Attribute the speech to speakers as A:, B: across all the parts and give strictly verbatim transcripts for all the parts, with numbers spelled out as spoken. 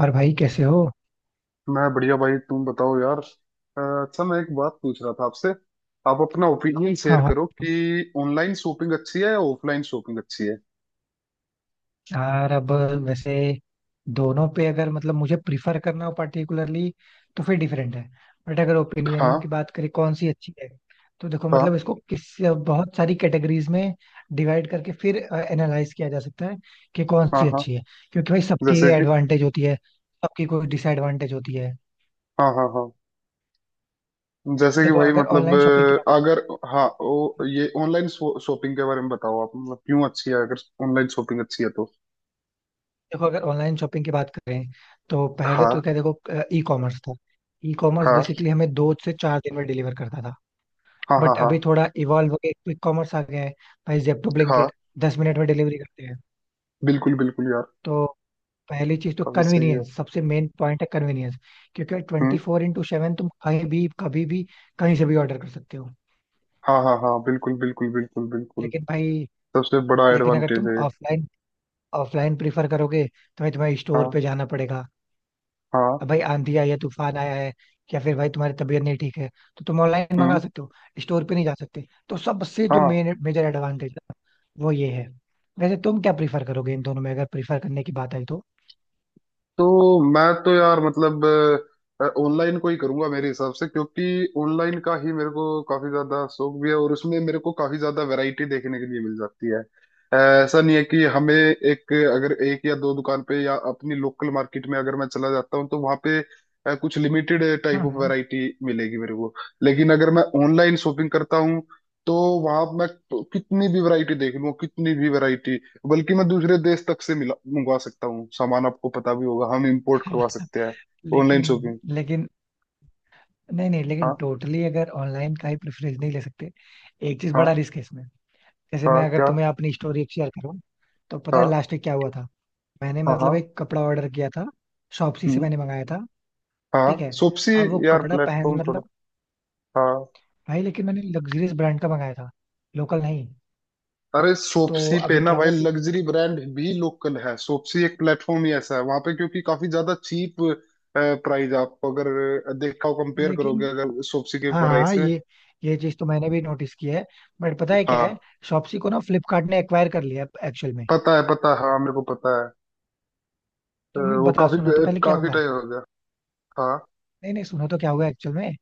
A: और भाई कैसे हो?
B: मैं बढ़िया भाई तुम बताओ यार। अ, अच्छा मैं एक बात पूछ रहा था आपसे। आप अपना ओपिनियन शेयर
A: हाँ हाँ।
B: करो कि ऑनलाइन शॉपिंग अच्छी है या ऑफलाइन शॉपिंग अच्छी है।
A: यार, अब वैसे दोनों पे अगर मतलब मुझे प्रिफर करना हो पर्टिकुलरली तो फिर डिफरेंट है। बट अगर ओपिनियन की
B: हाँ
A: बात करें कौन सी अच्छी है, तो देखो
B: हाँ
A: मतलब इसको किस बहुत सारी कैटेगरीज में डिवाइड करके फिर एनालाइज किया जा सकता है कि कौन
B: हाँ
A: सी
B: हाँ
A: अच्छी है। क्योंकि भाई सबकी
B: जैसे कि,
A: एडवांटेज होती है, सबकी कोई डिसएडवांटेज होती है।
B: हाँ हाँ हाँ। जैसे कि
A: देखो
B: भाई
A: अगर
B: मतलब
A: ऑनलाइन शॉपिंग की
B: अ,
A: बात
B: अगर, हाँ ओ, ये ऑनलाइन शॉपिंग के बारे में बताओ आप, मतलब क्यों अच्छी है? अगर ऑनलाइन शॉपिंग अच्छी है तो।
A: देखो अगर ऑनलाइन शॉपिंग की बात करें तो पहले
B: हाँ
A: तो क्या, देखो ई कॉमर्स था। ई कॉमर्स
B: हाँ
A: बेसिकली हमें दो से चार दिन में डिलीवर करता था।
B: हाँ हाँ
A: बट
B: हाँ
A: अभी थोड़ा इवॉल्व हो गया, क्विक कॉमर्स आ गया है। भाई जेप्टो,
B: हाँ,
A: ब्लिंकिट दस मिनट में डिलीवरी करते हैं।
B: बिल्कुल बिल्कुल यार।
A: तो पहली चीज तो
B: काफी सही है।
A: कन्वीनियंस, सबसे मेन पॉइंट है कन्वीनियंस। क्योंकि
B: हम्म।
A: ट्वेंटी फोर इंटू सेवन तुम कहीं भी कभी भी कहीं से भी ऑर्डर कर सकते हो।
B: हाँ हाँ हाँ, बिल्कुल बिल्कुल बिल्कुल बिल्कुल।
A: लेकिन भाई।
B: सबसे बड़ा
A: लेकिन अगर
B: एडवांटेज
A: तुम
B: है ये।
A: ऑफलाइन ऑफलाइन प्रीफर करोगे तो भाई तुम्हें स्टोर
B: हाँ
A: पे जाना पड़ेगा।
B: हाँ।
A: अब भाई आंधी आई है, तूफान आया है, या फिर भाई तुम्हारी तबीयत नहीं ठीक है, तो तुम ऑनलाइन मंगा
B: हम्म।
A: सकते हो, स्टोर पे नहीं जा सकते। तो सबसे जो
B: हाँ
A: मेन मेजर एडवांटेज है वो ये है। वैसे तुम क्या प्रीफर करोगे इन दोनों में, अगर प्रीफर करने की बात आई तो?
B: तो, मैं तो यार मतलब ऑनलाइन को ही करूंगा मेरे हिसाब से, क्योंकि ऑनलाइन का ही मेरे को काफी ज्यादा शौक भी है और उसमें मेरे को काफी ज्यादा वैरायटी देखने के लिए मिल जाती है। अ, ऐसा नहीं है कि हमें एक, अगर एक या दो दुकान पे या अपनी लोकल मार्केट में अगर मैं चला जाता हूँ तो वहाँ पे अ, कुछ limited type of
A: hmm.
B: Variety मिलेगी मेरे को। लेकिन अगर मैं ऑनलाइन शॉपिंग करता हूँ तो वहां मैं कितनी भी वैरायटी देख लूँ, कितनी भी वैरायटी, बल्कि मैं दूसरे देश तक से मिला मंगवा सकता हूँ सामान, आपको पता भी होगा हम इंपोर्ट करवा सकते हैं ऑनलाइन
A: लेकिन।
B: शॉपिंग।
A: लेकिन नहीं नहीं, लेकिन
B: हाँ
A: टोटली अगर ऑनलाइन का ही प्रेफरेंस नहीं ले सकते। एक चीज बड़ा
B: हाँ,
A: रिस्क है इसमें। जैसे मैं
B: हाँ
A: अगर
B: क्या?
A: तुम्हें अपनी स्टोरी शेयर करूं, तो पता है
B: हाँ
A: लास्ट वीक क्या हुआ था? मैंने
B: हाँ
A: मतलब
B: हाँ।
A: एक कपड़ा ऑर्डर किया था। शॉपसी से
B: हम्म।
A: मैंने मंगाया था,
B: हाँ
A: ठीक है?
B: सोप्सी,
A: अब वो
B: यार
A: कपड़ा पहन
B: प्लेटफॉर्म थोड़ा,
A: मतलब
B: हाँ
A: भाई, लेकिन मैंने लग्जरियस ब्रांड का मंगाया था, लोकल नहीं।
B: अरे
A: तो
B: सोप्सी पे
A: अभी
B: ना
A: क्या
B: भाई,
A: हुआ कि
B: लग्जरी ब्रांड भी लोकल है। सोप्सी एक प्लेटफॉर्म ही ऐसा है वहां पे क्योंकि काफी ज्यादा चीप प्राइस आपको अगर देखा हो, कंपेयर करोगे
A: लेकिन,
B: अगर सोप्सी के
A: हाँ
B: प्राइस
A: हाँ,
B: से।
A: ये ये चीज तो मैंने भी नोटिस की है। बट पता है क्या है,
B: हाँ
A: शॉप्सी को ना फ्लिपकार्ट ने एक्वायर कर लिया एक्चुअल में।
B: पता है पता है, हाँ मेरे को पता है। अ,
A: तो मैं
B: वो
A: बता
B: काफी
A: सुनो, तो पहले क्या
B: काफी
A: हुआ।
B: टाइम हो गया। हाँ
A: नहीं नहीं, सुनो तो क्या हुआ एक्चुअल में।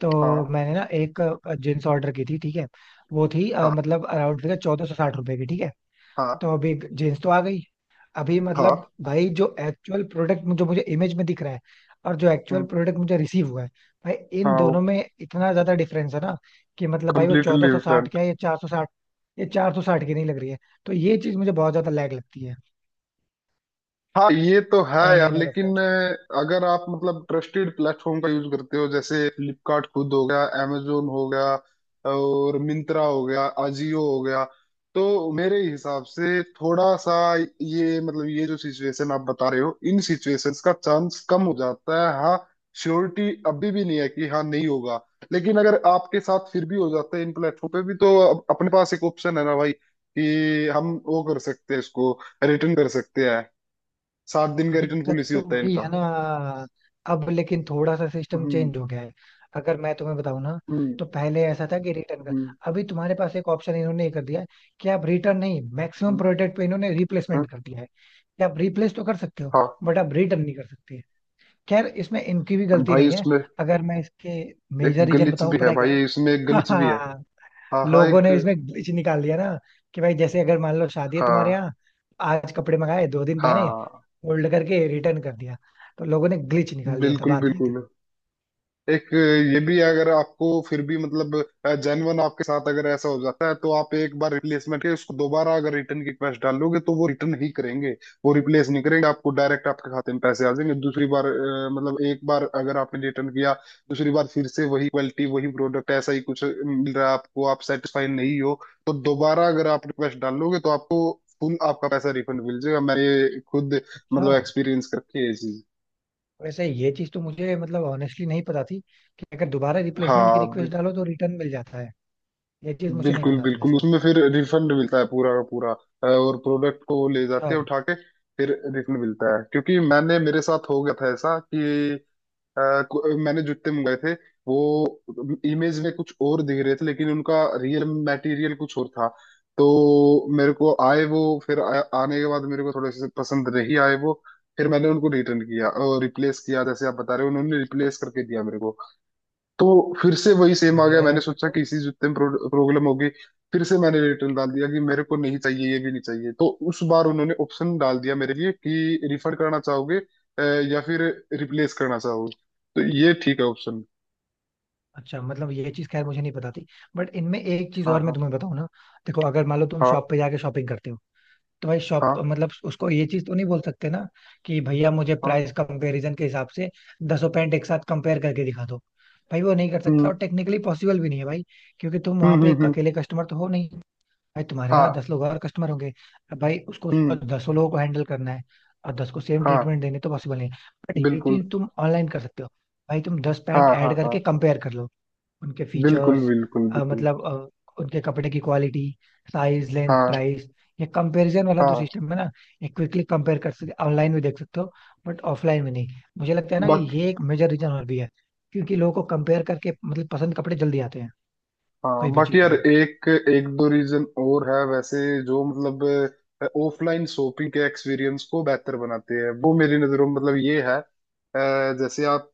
A: तो
B: हाँ
A: मैंने ना एक जींस ऑर्डर की थी, ठीक है? वो थी अ,
B: हाँ
A: मतलब अराउंड चौदह सौ साठ रुपए की, ठीक है?
B: हाँ
A: तो अभी जींस तो आ गई। अभी
B: हाँ।
A: मतलब भाई, जो एक्चुअल प्रोडक्ट जो मुझे इमेज में दिख रहा है, और जो एक्चुअल
B: हम्म,
A: प्रोडक्ट मुझे रिसीव हुआ है, भाई इन
B: हाँ वो
A: दोनों में इतना ज्यादा डिफरेंस है ना, कि मतलब भाई वो चौदह
B: कम्प्लीटली
A: सौ साठ क्या
B: डिफरेंट।
A: है, ये चार सौ साठ। ये चार सौ साठ की नहीं लग रही है। तो ये चीज मुझे बहुत ज्यादा लैग लगती है।
B: हाँ ये तो है यार,
A: ऑनलाइन और ऑफलाइन।
B: लेकिन अ, अगर आप मतलब ट्रस्टेड प्लेटफॉर्म का यूज करते हो, जैसे फ्लिपकार्ट खुद हो गया, amazon हो गया, और मिंत्रा हो गया, अजियो हो गया, तो मेरे हिसाब से थोड़ा सा ये मतलब ये जो सिचुएशन आप बता रहे हो, इन सिचुएशंस का चांस कम हो जाता है। हाँ, श्योरिटी अभी भी नहीं है कि हाँ नहीं होगा, लेकिन अगर आपके साथ फिर भी हो जाता है इन प्लेटफॉर्म पे भी, तो अप- अपने पास एक ऑप्शन है ना भाई, कि हम वो कर सकते हैं इसको, रिटर्न कर सकते हैं। सात दिन का रिटर्न
A: दिक्कत
B: पॉलिसी
A: तो
B: होता है
A: वही है
B: इनका।
A: ना। अब लेकिन थोड़ा सा सिस्टम
B: हम्म
A: चेंज हो गया है। अगर मैं तुम्हें बताऊं ना,
B: हम्म
A: तो पहले ऐसा था कि रिटर्न का।
B: हम्म
A: अभी तुम्हारे पास एक ऑप्शन इन्होंने ये कर दिया है, कि आप रिटर्न नहीं, मैक्सिमम
B: हम्म,
A: प्रोडक्ट पे इन्होंने
B: हाँ
A: रिप्लेसमेंट कर दिया है, कि आप रिप्लेस तो कर सकते हो
B: हाँ।
A: बट आप रिटर्न नहीं कर सकते। खैर इसमें इनकी भी गलती
B: भाई
A: नहीं है।
B: उसमें
A: अगर मैं इसके
B: एक
A: मेजर रीजन
B: गलीच
A: बताऊं,
B: भी है,
A: पता है क्या
B: भाई इसमें एक गलीच भी है।
A: है?
B: हाँ हाँ
A: लोगों
B: एक,
A: ने इसमें ग्लिच निकाल दिया ना, कि भाई जैसे अगर मान लो शादी है तुम्हारे
B: हाँ
A: यहाँ, आज कपड़े मंगाए, दो दिन पहने,
B: हाँ,
A: फोल्ड करके रिटर्न कर दिया। तो लोगों ने ग्लिच निकाल दिया था,
B: बिल्कुल
A: बात ये
B: बिल्कुल।
A: थी।
B: एक ये भी है, अगर आपको फिर भी मतलब जेन्युइन आपके साथ अगर ऐसा हो जाता है, तो आप एक बार रिप्लेसमेंट के उसको दोबारा अगर रिटर्न की रिक्वेस्ट डालोगे तो वो रिटर्न ही करेंगे, वो रिप्लेस नहीं करेंगे। आपको डायरेक्ट आपके खाते में पैसे आ जाएंगे दूसरी बार। अ, मतलब एक बार अगर आपने रिटर्न किया, दूसरी बार फिर से वही क्वालिटी वही प्रोडक्ट ऐसा ही कुछ मिल रहा है आपको, आप सेटिस्फाई नहीं हो, तो दोबारा अगर आप रिक्वेस्ट डालोगे तो आपको फुल आपका पैसा रिफंड मिल जाएगा। मैंने खुद
A: अच्छा।
B: मतलब एक्सपीरियंस करके ये चीज।
A: वैसे ये चीज तो मुझे मतलब ऑनेस्टली नहीं पता थी, कि अगर दोबारा रिप्लेसमेंट की
B: हाँ
A: रिक्वेस्ट डालो तो रिटर्न मिल जाता है। ये चीज मुझे नहीं
B: बिल्कुल
A: पता थी
B: बिल्कुल,
A: वैसे।
B: उसमें फिर रिफंड मिलता है पूरा का पूरा। अ, और प्रोडक्ट को वो ले
A: अच्छा।
B: जाते हैं उठा के, फिर रिफंड मिलता है। क्योंकि मैंने, मेरे साथ हो गया था ऐसा कि अ, कु- मैंने जूते मंगाए थे, वो इमेज में कुछ और दिख रहे थे लेकिन उनका रियल मटेरियल कुछ और था। तो मेरे को आए वो, फिर आ, आने के बाद मेरे को थोड़े से पसंद नहीं आए वो। फिर मैंने उनको रिटर्न किया और रिप्लेस किया, जैसे आप बता रहे हो उन्होंने रिप्लेस करके दिया मेरे को। तो फिर से वही सेम आ
A: बढ़िया
B: गया, मैंने
A: यार, फिर
B: सोचा
A: तो।
B: कि इसी जूते में प्रॉब्लम होगी। फिर से मैंने रिटर्न डाल दिया कि मेरे को नहीं चाहिए, ये भी नहीं चाहिए। तो उस बार उन्होंने ऑप्शन डाल दिया मेरे लिए कि रिफंड करना चाहोगे अ, या फिर रिप्लेस करना चाहोगे। तो ये ठीक है ऑप्शन।
A: अच्छा, मतलब ये चीज खैर मुझे नहीं पता थी। बट इनमें एक चीज
B: हाँ
A: और
B: हाँ
A: मैं तुम्हें बताऊं ना, देखो अगर मान लो तुम
B: हाँ
A: शॉप पे जाके शॉपिंग करते हो, तो भाई शॉप
B: हाँ
A: मतलब उसको ये चीज तो नहीं बोल सकते ना, कि भैया मुझे
B: हाँ।
A: प्राइस कंपैरिजन के हिसाब से दसों पैंट एक साथ कंपेयर करके दिखा दो। भाई वो नहीं कर सकता,
B: हम्म
A: और टेक्निकली पॉसिबल भी नहीं है भाई। क्योंकि तुम
B: हम्म
A: वहां पे
B: हम्म
A: एक
B: हम्म,
A: अकेले कस्टमर तो हो नहीं, भाई तुम्हारे यहाँ
B: हाँ।
A: दस लोग और कस्टमर होंगे। अब भाई उसको
B: हम्म।
A: दसों लोगों को हैंडल करना है, और दस को सेम
B: हाँ
A: ट्रीटमेंट देने तो पॉसिबल नहीं है। बट ये
B: बिल्कुल।
A: चीज तुम ऑनलाइन कर सकते हो। भाई तुम दस पैंट
B: हाँ हाँ
A: ऐड
B: हाँ,
A: करके कंपेयर कर लो, उनके
B: बिल्कुल
A: फीचर्स,
B: बिल्कुल बिल्कुल।
A: मतलब अ, उनके कपड़े की क्वालिटी, साइज, लेंथ,
B: हाँ
A: प्राइस। ये कंपैरिजन वाला जो सिस्टम है ना, ये क्विकली कंपेयर कर सकते, ऑनलाइन भी देख सकते हो, बट ऑफलाइन में नहीं। मुझे लगता है ना कि
B: हाँ
A: ये एक मेजर रीजन और भी है। क्योंकि लोगों को कंपेयर करके मतलब पसंद कपड़े जल्दी आते हैं।
B: हाँ
A: कोई भी
B: बाकी
A: चीज़
B: यार,
A: है।
B: एक एक दो रीजन और है वैसे, जो मतलब ऑफलाइन शॉपिंग के एक्सपीरियंस को बेहतर बनाते हैं। वो मेरी नजरों में मतलब ये है, अ, जैसे आप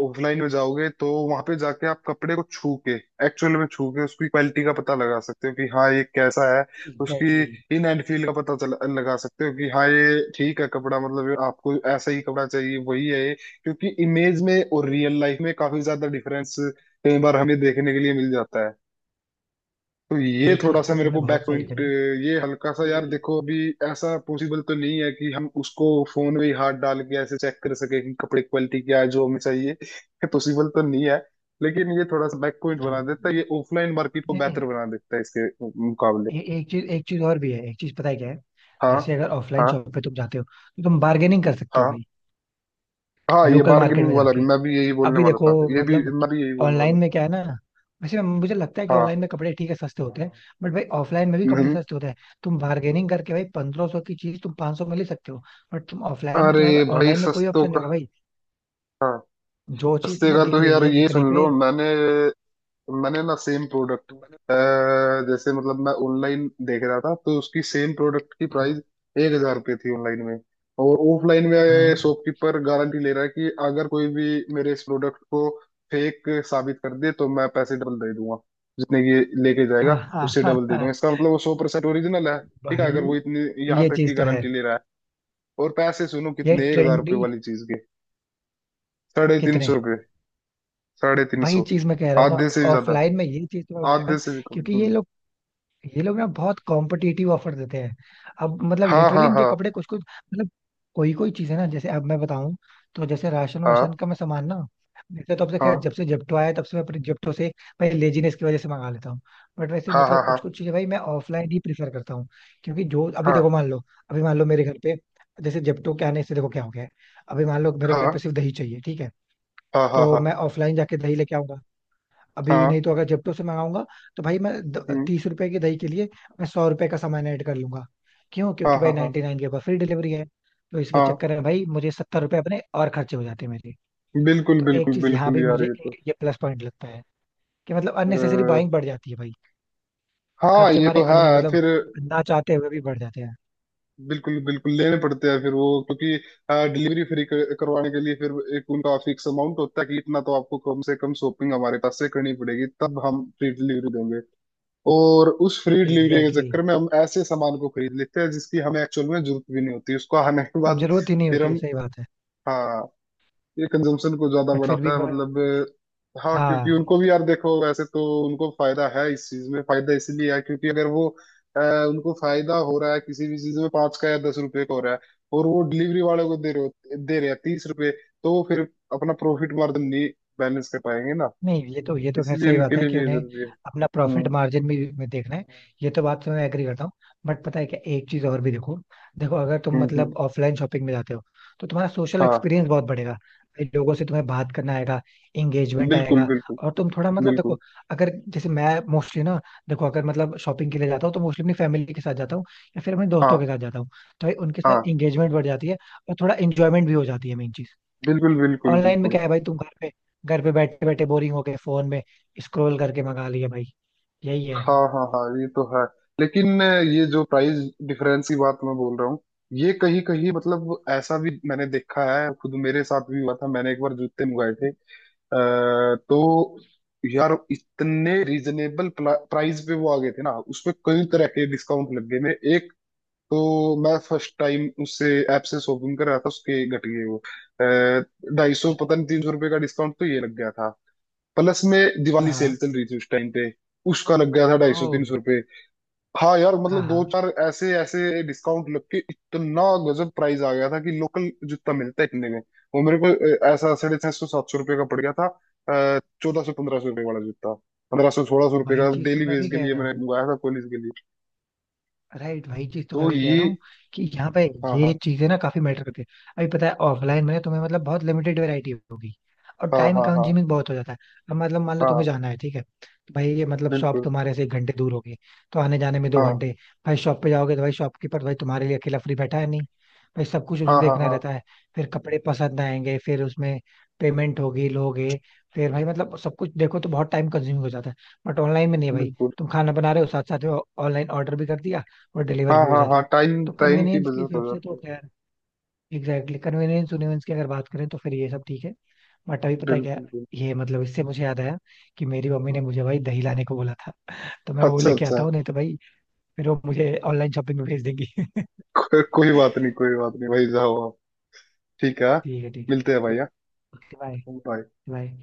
B: ऑफलाइन में जाओगे तो वहां पे जाके आप कपड़े को छू के, एक्चुअल में छू के उसकी क्वालिटी का पता लगा सकते हो कि हाँ ये कैसा है, उसकी
A: एग्जैक्टली, exactly।
B: इन एंड फील का पता चला लगा सकते हो कि हाँ ये ठीक है कपड़ा, मतलब आपको ऐसा ही कपड़ा चाहिए वही है ये। क्योंकि इमेज में और रियल लाइफ में काफी ज्यादा डिफरेंस कई बार हमें देखने के लिए मिल जाता है। तो ये
A: ये
B: थोड़ा
A: चीज
B: सा
A: तो
B: मेरे
A: तुमने
B: को बैक
A: बहुत सही
B: पॉइंट,
A: कही।
B: ये हल्का सा यार
A: ये,
B: देखो अभी, ऐसा पॉसिबल तो नहीं है कि हम उसको फोन में ही हाथ डाल के ऐसे चेक कर सके कि कपड़े की क्वालिटी क्या है जो हमें चाहिए ये पॉसिबल तो नहीं है। लेकिन ये थोड़ा सा बैक पॉइंट बना
A: हाँ।
B: देता है, ये ऑफलाइन मार्केट को
A: नहीं
B: बेहतर
A: नहीं।
B: बना देता है इसके मुकाबले।
A: ए, एक चीज, एक चीज और भी है, एक चीज पता है क्या है?
B: हाँ
A: जैसे अगर ऑफलाइन
B: हाँ
A: शॉप पे तुम जाते हो, तो तुम बार्गेनिंग कर सकते हो
B: हाँ,
A: भाई,
B: हाँ ये
A: लोकल मार्केट
B: बार्गेनिंग
A: में
B: वाला भी
A: जाके।
B: मैं भी यही बोलने
A: अभी
B: वाला
A: देखो,
B: था, ये भी
A: मतलब
B: मैं भी यही बोलने वाला
A: ऑनलाइन में
B: था।
A: क्या है ना, वैसे मुझे लगता है कि
B: हाँ,
A: ऑनलाइन में कपड़े ठीक है सस्ते होते हैं, बट भाई ऑफलाइन में भी कपड़े
B: नहीं
A: सस्ते होते हैं। तुम बार्गेनिंग करके भाई पंद्रह सौ की चीज तुम 500 सौ में ले सकते हो। बट तुम ऑफलाइन में,
B: अरे
A: तुम्हारे पास
B: भाई,
A: ऑनलाइन में कोई
B: सस्तों
A: ऑप्शन नहीं
B: का।
A: होगा भाई,
B: हाँ
A: जो चीज
B: सस्ते
A: तुम्हें
B: का
A: दिख
B: तो
A: रही
B: यार
A: है
B: ये
A: जितने
B: सुन
A: पे।
B: लो, मैंने मैंने ना सेम प्रोडक्ट,
A: हम्म
B: जैसे मतलब मैं ऑनलाइन देख रहा था तो उसकी सेम प्रोडक्ट की प्राइस एक हज़ार रुपये थी ऑनलाइन में। और ऑफलाइन में
A: हम्म,
B: शॉपकीपर गारंटी ले रहा है कि अगर कोई भी मेरे इस प्रोडक्ट को फेक साबित कर दे तो मैं पैसे डबल दे दूंगा, जितने की ये लेके जाएगा
A: हाँ हाँ
B: उससे
A: हाँ
B: डबल दे
A: हाँ।
B: दूंगा। इसका मतलब वो सौ परसेंट ओरिजिनल है, ठीक है अगर
A: भाई
B: वो इतनी यहाँ
A: ये
B: तक की
A: चीज तो है।
B: गारंटी ले रहा है। और पैसे सुनो
A: ये
B: कितने, एक हजार
A: ट्रेंडी।
B: रुपये वाली चीज के साढ़े तीन
A: कितने।
B: सौ रुपये साढ़े तीन
A: वही
B: सौ
A: चीज मैं कह रहा हूँ ना,
B: आधे से भी ज्यादा,
A: ऑफलाइन में ये चीज तुम्हें मिल जाएगा।
B: आधे से भी कम।
A: क्योंकि ये
B: हम्म।
A: लोग ये लोग ना बहुत कॉम्पिटिटिव ऑफर देते हैं। अब मतलब
B: हाँ
A: लिटरली
B: हाँ
A: इनके
B: हाँ
A: कपड़े कुछ कुछ मतलब, कोई कोई चीज है ना, जैसे अब मैं बताऊं। तो जैसे राशन
B: हाँ
A: वाशन का मैं सामान ना, वैसे तो अब से खैर जब से जेप्टो आया है, तब से मैं अपने जेप्टो से भाई लेजीनेस की वजह से मंगा लेता हूँ। बट वैसे
B: हाँ हाँ
A: मतलब
B: हाँ
A: कुछ कुछ चीजें भाई मैं ऑफलाइन ही प्रीफर करता हूँ। क्योंकि जो अभी देखो,
B: हाँ
A: मान लो, अभी मान लो मेरे घर पे, जैसे जेप्टो के आने से देखो क्या हो गया है। अभी मान लो मेरे घर
B: हाँ
A: पे सिर्फ दही चाहिए, ठीक है?
B: हाँ हाँ हाँ
A: तो
B: हाँ
A: मैं ऑफलाइन जाके दही लेके आऊंगा। अभी
B: हाँ।
A: नहीं तो अगर जेप्टो से मंगाऊंगा, तो भाई मैं द-
B: हम्म,
A: तीस रुपए की दही के लिए मैं सौ रुपए का सामान ऐड कर लूंगा। क्यों?
B: हाँ
A: क्योंकि
B: हाँ
A: भाई
B: हाँ
A: नाइनटी नाइन के ऊपर फ्री डिलीवरी है, तो इसके
B: हाँ,
A: चक्कर में भाई मुझे सत्तर रुपए अपने और खर्चे हो जाते हैं मेरे।
B: बिल्कुल
A: तो एक
B: बिल्कुल
A: चीज यहाँ
B: बिल्कुल
A: भी
B: यार
A: मुझे
B: ये तो,
A: ये प्लस पॉइंट लगता है, कि मतलब
B: अ,
A: अननेसेसरी बाइंग बढ़ जाती है भाई,
B: हाँ
A: खर्चे
B: ये
A: हमारे
B: तो
A: अन्य
B: है।
A: मतलब
B: फिर
A: ना चाहते हुए भी बढ़ जाते हैं।
B: बिल्कुल बिल्कुल, लेने पड़ते हैं फिर वो। क्योंकि डिलीवरी फ्री करवाने के लिए फिर एक उनका फिक्स अमाउंट होता है कि इतना तो आपको कम से कम शॉपिंग हमारे पास से करनी पड़ेगी तब हम फ्री डिलीवरी देंगे। और उस फ्री डिलीवरी के
A: एग्जैक्टली,
B: चक्कर में हम ऐसे सामान को खरीद लेते हैं जिसकी हमें एक्चुअल में जरूरत भी नहीं होती उसको आने के
A: exactly।
B: बाद।
A: जरूरत ही नहीं
B: फिर
A: होती है,
B: हम,
A: सही बात है।
B: हाँ ये कंजम्पशन को ज्यादा
A: बट फिर भी,
B: बढ़ाता है मतलब। अ, हाँ क्योंकि
A: हाँ।
B: उनको भी यार देखो, वैसे तो उनको फायदा है इस चीज में। फायदा इसलिए है क्योंकि अगर वो अ, उनको फायदा हो रहा है किसी भी चीज में पाँच का या दस रुपए का हो रहा है, और वो डिलीवरी वाले को दे रहे हो, दे रहे हैं तीस रुपए, तो वो फिर अपना प्रॉफिट मार्जिन नहीं बैलेंस कर पाएंगे ना।
A: नहीं, ये तो, ये तो खैर
B: इसलिए
A: सही बात
B: उनके
A: है
B: लिए
A: कि
B: भी ये
A: उन्हें
B: जरूरी है।
A: अपना प्रॉफिट
B: हम्म
A: मार्जिन भी में देखना है। ये तो बात से मैं एग्री करता हूँ। बट पता है क्या, एक चीज और भी देखो। देखो अगर तुम
B: हम्म हम्म।
A: मतलब ऑफलाइन शॉपिंग में जाते हो, तो तुम्हारा सोशल
B: हाँ
A: एक्सपीरियंस बहुत बढ़ेगा भाई, लोगों से तुम्हें बात करना आएगा, एंगेजमेंट
B: बिल्कुल
A: आएगा।
B: बिल्कुल
A: और तुम थोड़ा मतलब
B: बिल्कुल,
A: देखो, अगर जैसे मैं मोस्टली ना, देखो अगर मतलब शॉपिंग के लिए जाता हूँ तो मोस्टली अपनी फैमिली के साथ जाता हूँ, या फिर अपने
B: हाँ
A: दोस्तों के साथ जाता हूँ। तो भाई उनके साथ
B: हाँ,
A: एंगेजमेंट बढ़ जाती है, और थोड़ा इंजॉयमेंट भी हो जाती है, मेन चीज।
B: बिल्कुल बिल्कुल
A: ऑनलाइन में
B: बिल्कुल।
A: क्या है भाई, तुम घर पे घर पे बैठे बैठे बोरिंग हो गए, फोन में स्क्रॉल करके मंगा लिया भाई, यही है।
B: हाँ हाँ हाँ ये तो है। लेकिन ये जो प्राइस डिफरेंस की बात मैं बोल रहा हूँ, ये कहीं कहीं मतलब ऐसा भी मैंने देखा है, खुद मेरे साथ भी हुआ था। मैंने एक बार जूते मंगाए थे, आ, तो यार इतने रीजनेबल प्राइस पे वो आ गए थे ना, उसपे कई तरह के डिस्काउंट लग गए। मैं एक, तो मैं फर्स्ट टाइम उससे ऐप से शॉपिंग कर रहा था, उसके घट गए वो ढाई सौ पता
A: अच्छा,
B: नहीं तीन सौ रुपये का डिस्काउंट तो ये लग गया था। प्लस में दिवाली सेल
A: हाँ
B: चल रही थी उस टाइम पे, उसका लग गया था ढाई सौ
A: ओ,
B: तीन सौ हाँ यार
A: हाँ
B: मतलब दो
A: हाँ।
B: चार ऐसे ऐसे डिस्काउंट लग के इतना गजब प्राइस आ गया था कि लोकल जितना मिलता है इतने में वो मेरे को अ, ऐसा साढ़े छह सौ सात सौ रुपये का पड़ गया था, चौदह सौ पंद्रह सौ रुपये वाला जूता। पंद्रह सौ सोलह सौ रुपये
A: वही
B: का
A: चीज तो
B: डेली
A: मैं
B: वेज
A: भी
B: के
A: कह
B: लिए
A: रहा
B: मैंने
A: हूँ।
B: मंगाया था, कॉलेज के लिए।
A: राइट, वही चीज तो मैं
B: तो
A: भी कह
B: ये,
A: रहा हूँ, कि यहाँ पे
B: हाँ
A: ये
B: हाँ
A: चीजें ना काफी मैटर करती है। अभी पता है ऑफलाइन में ना तुम्हें मतलब बहुत लिमिटेड वैरायटी होगी, और
B: हाँ
A: टाइम
B: हाँ हाँ
A: कंज्यूमिंग बहुत हो जाता है। अब मतलब मान लो तुम्हें
B: हाँ
A: जाना है, ठीक है, तो भाई ये मतलब शॉप
B: बिल्कुल,
A: तुम्हारे से एक घंटे दूर होगी, तो आने जाने में दो
B: हाँ
A: घंटे भाई शॉप पे जाओगे तो भाई शॉपकीपर भाई तुम्हारे लिए अकेला फ्री बैठा है नहीं, भाई सब कुछ उसे
B: हाँ हाँ
A: देखना
B: हाँ
A: रहता है। फिर कपड़े पसंद आएंगे, फिर उसमें पेमेंट होगी, लोगे, फिर भाई मतलब सब कुछ देखो तो बहुत टाइम कंज्यूमिंग हो जाता है। बट ऑनलाइन में नहीं है भाई।
B: बिल्कुल।
A: तुम खाना बना रहे हो, साथ साथ में ऑनलाइन ऑर्डर भी कर दिया और
B: हाँ
A: डिलीवर भी हो
B: हाँ
A: जाता
B: हाँ,
A: है।
B: टाइम
A: तो
B: टाइम की
A: कन्वीनियंस के
B: बचत हो
A: हिसाब से
B: जाती
A: तो
B: है।
A: खैर, एग्जैक्टली कन्वीनियंस उन्वीनियंस की अगर बात करें तो फिर ये सब ठीक है। बट अभी पता है क्या,
B: बिल्कुल बिल्कुल।
A: ये मतलब इससे मुझे याद आया कि मेरी मम्मी ने मुझे भाई दही लाने को बोला था, तो मैं वो
B: अच्छा
A: लेके
B: अच्छा,
A: आता हूँ, नहीं तो भाई फिर वो मुझे ऑनलाइन शॉपिंग में भेज देंगी।
B: को, कोई बात नहीं कोई बात नहीं भाई, जाओ आप। ठीक है हाँ?
A: ठीक है, ठीक है।
B: मिलते हैं भाई, हाँ?
A: बाय।
B: हुट है।
A: बाय।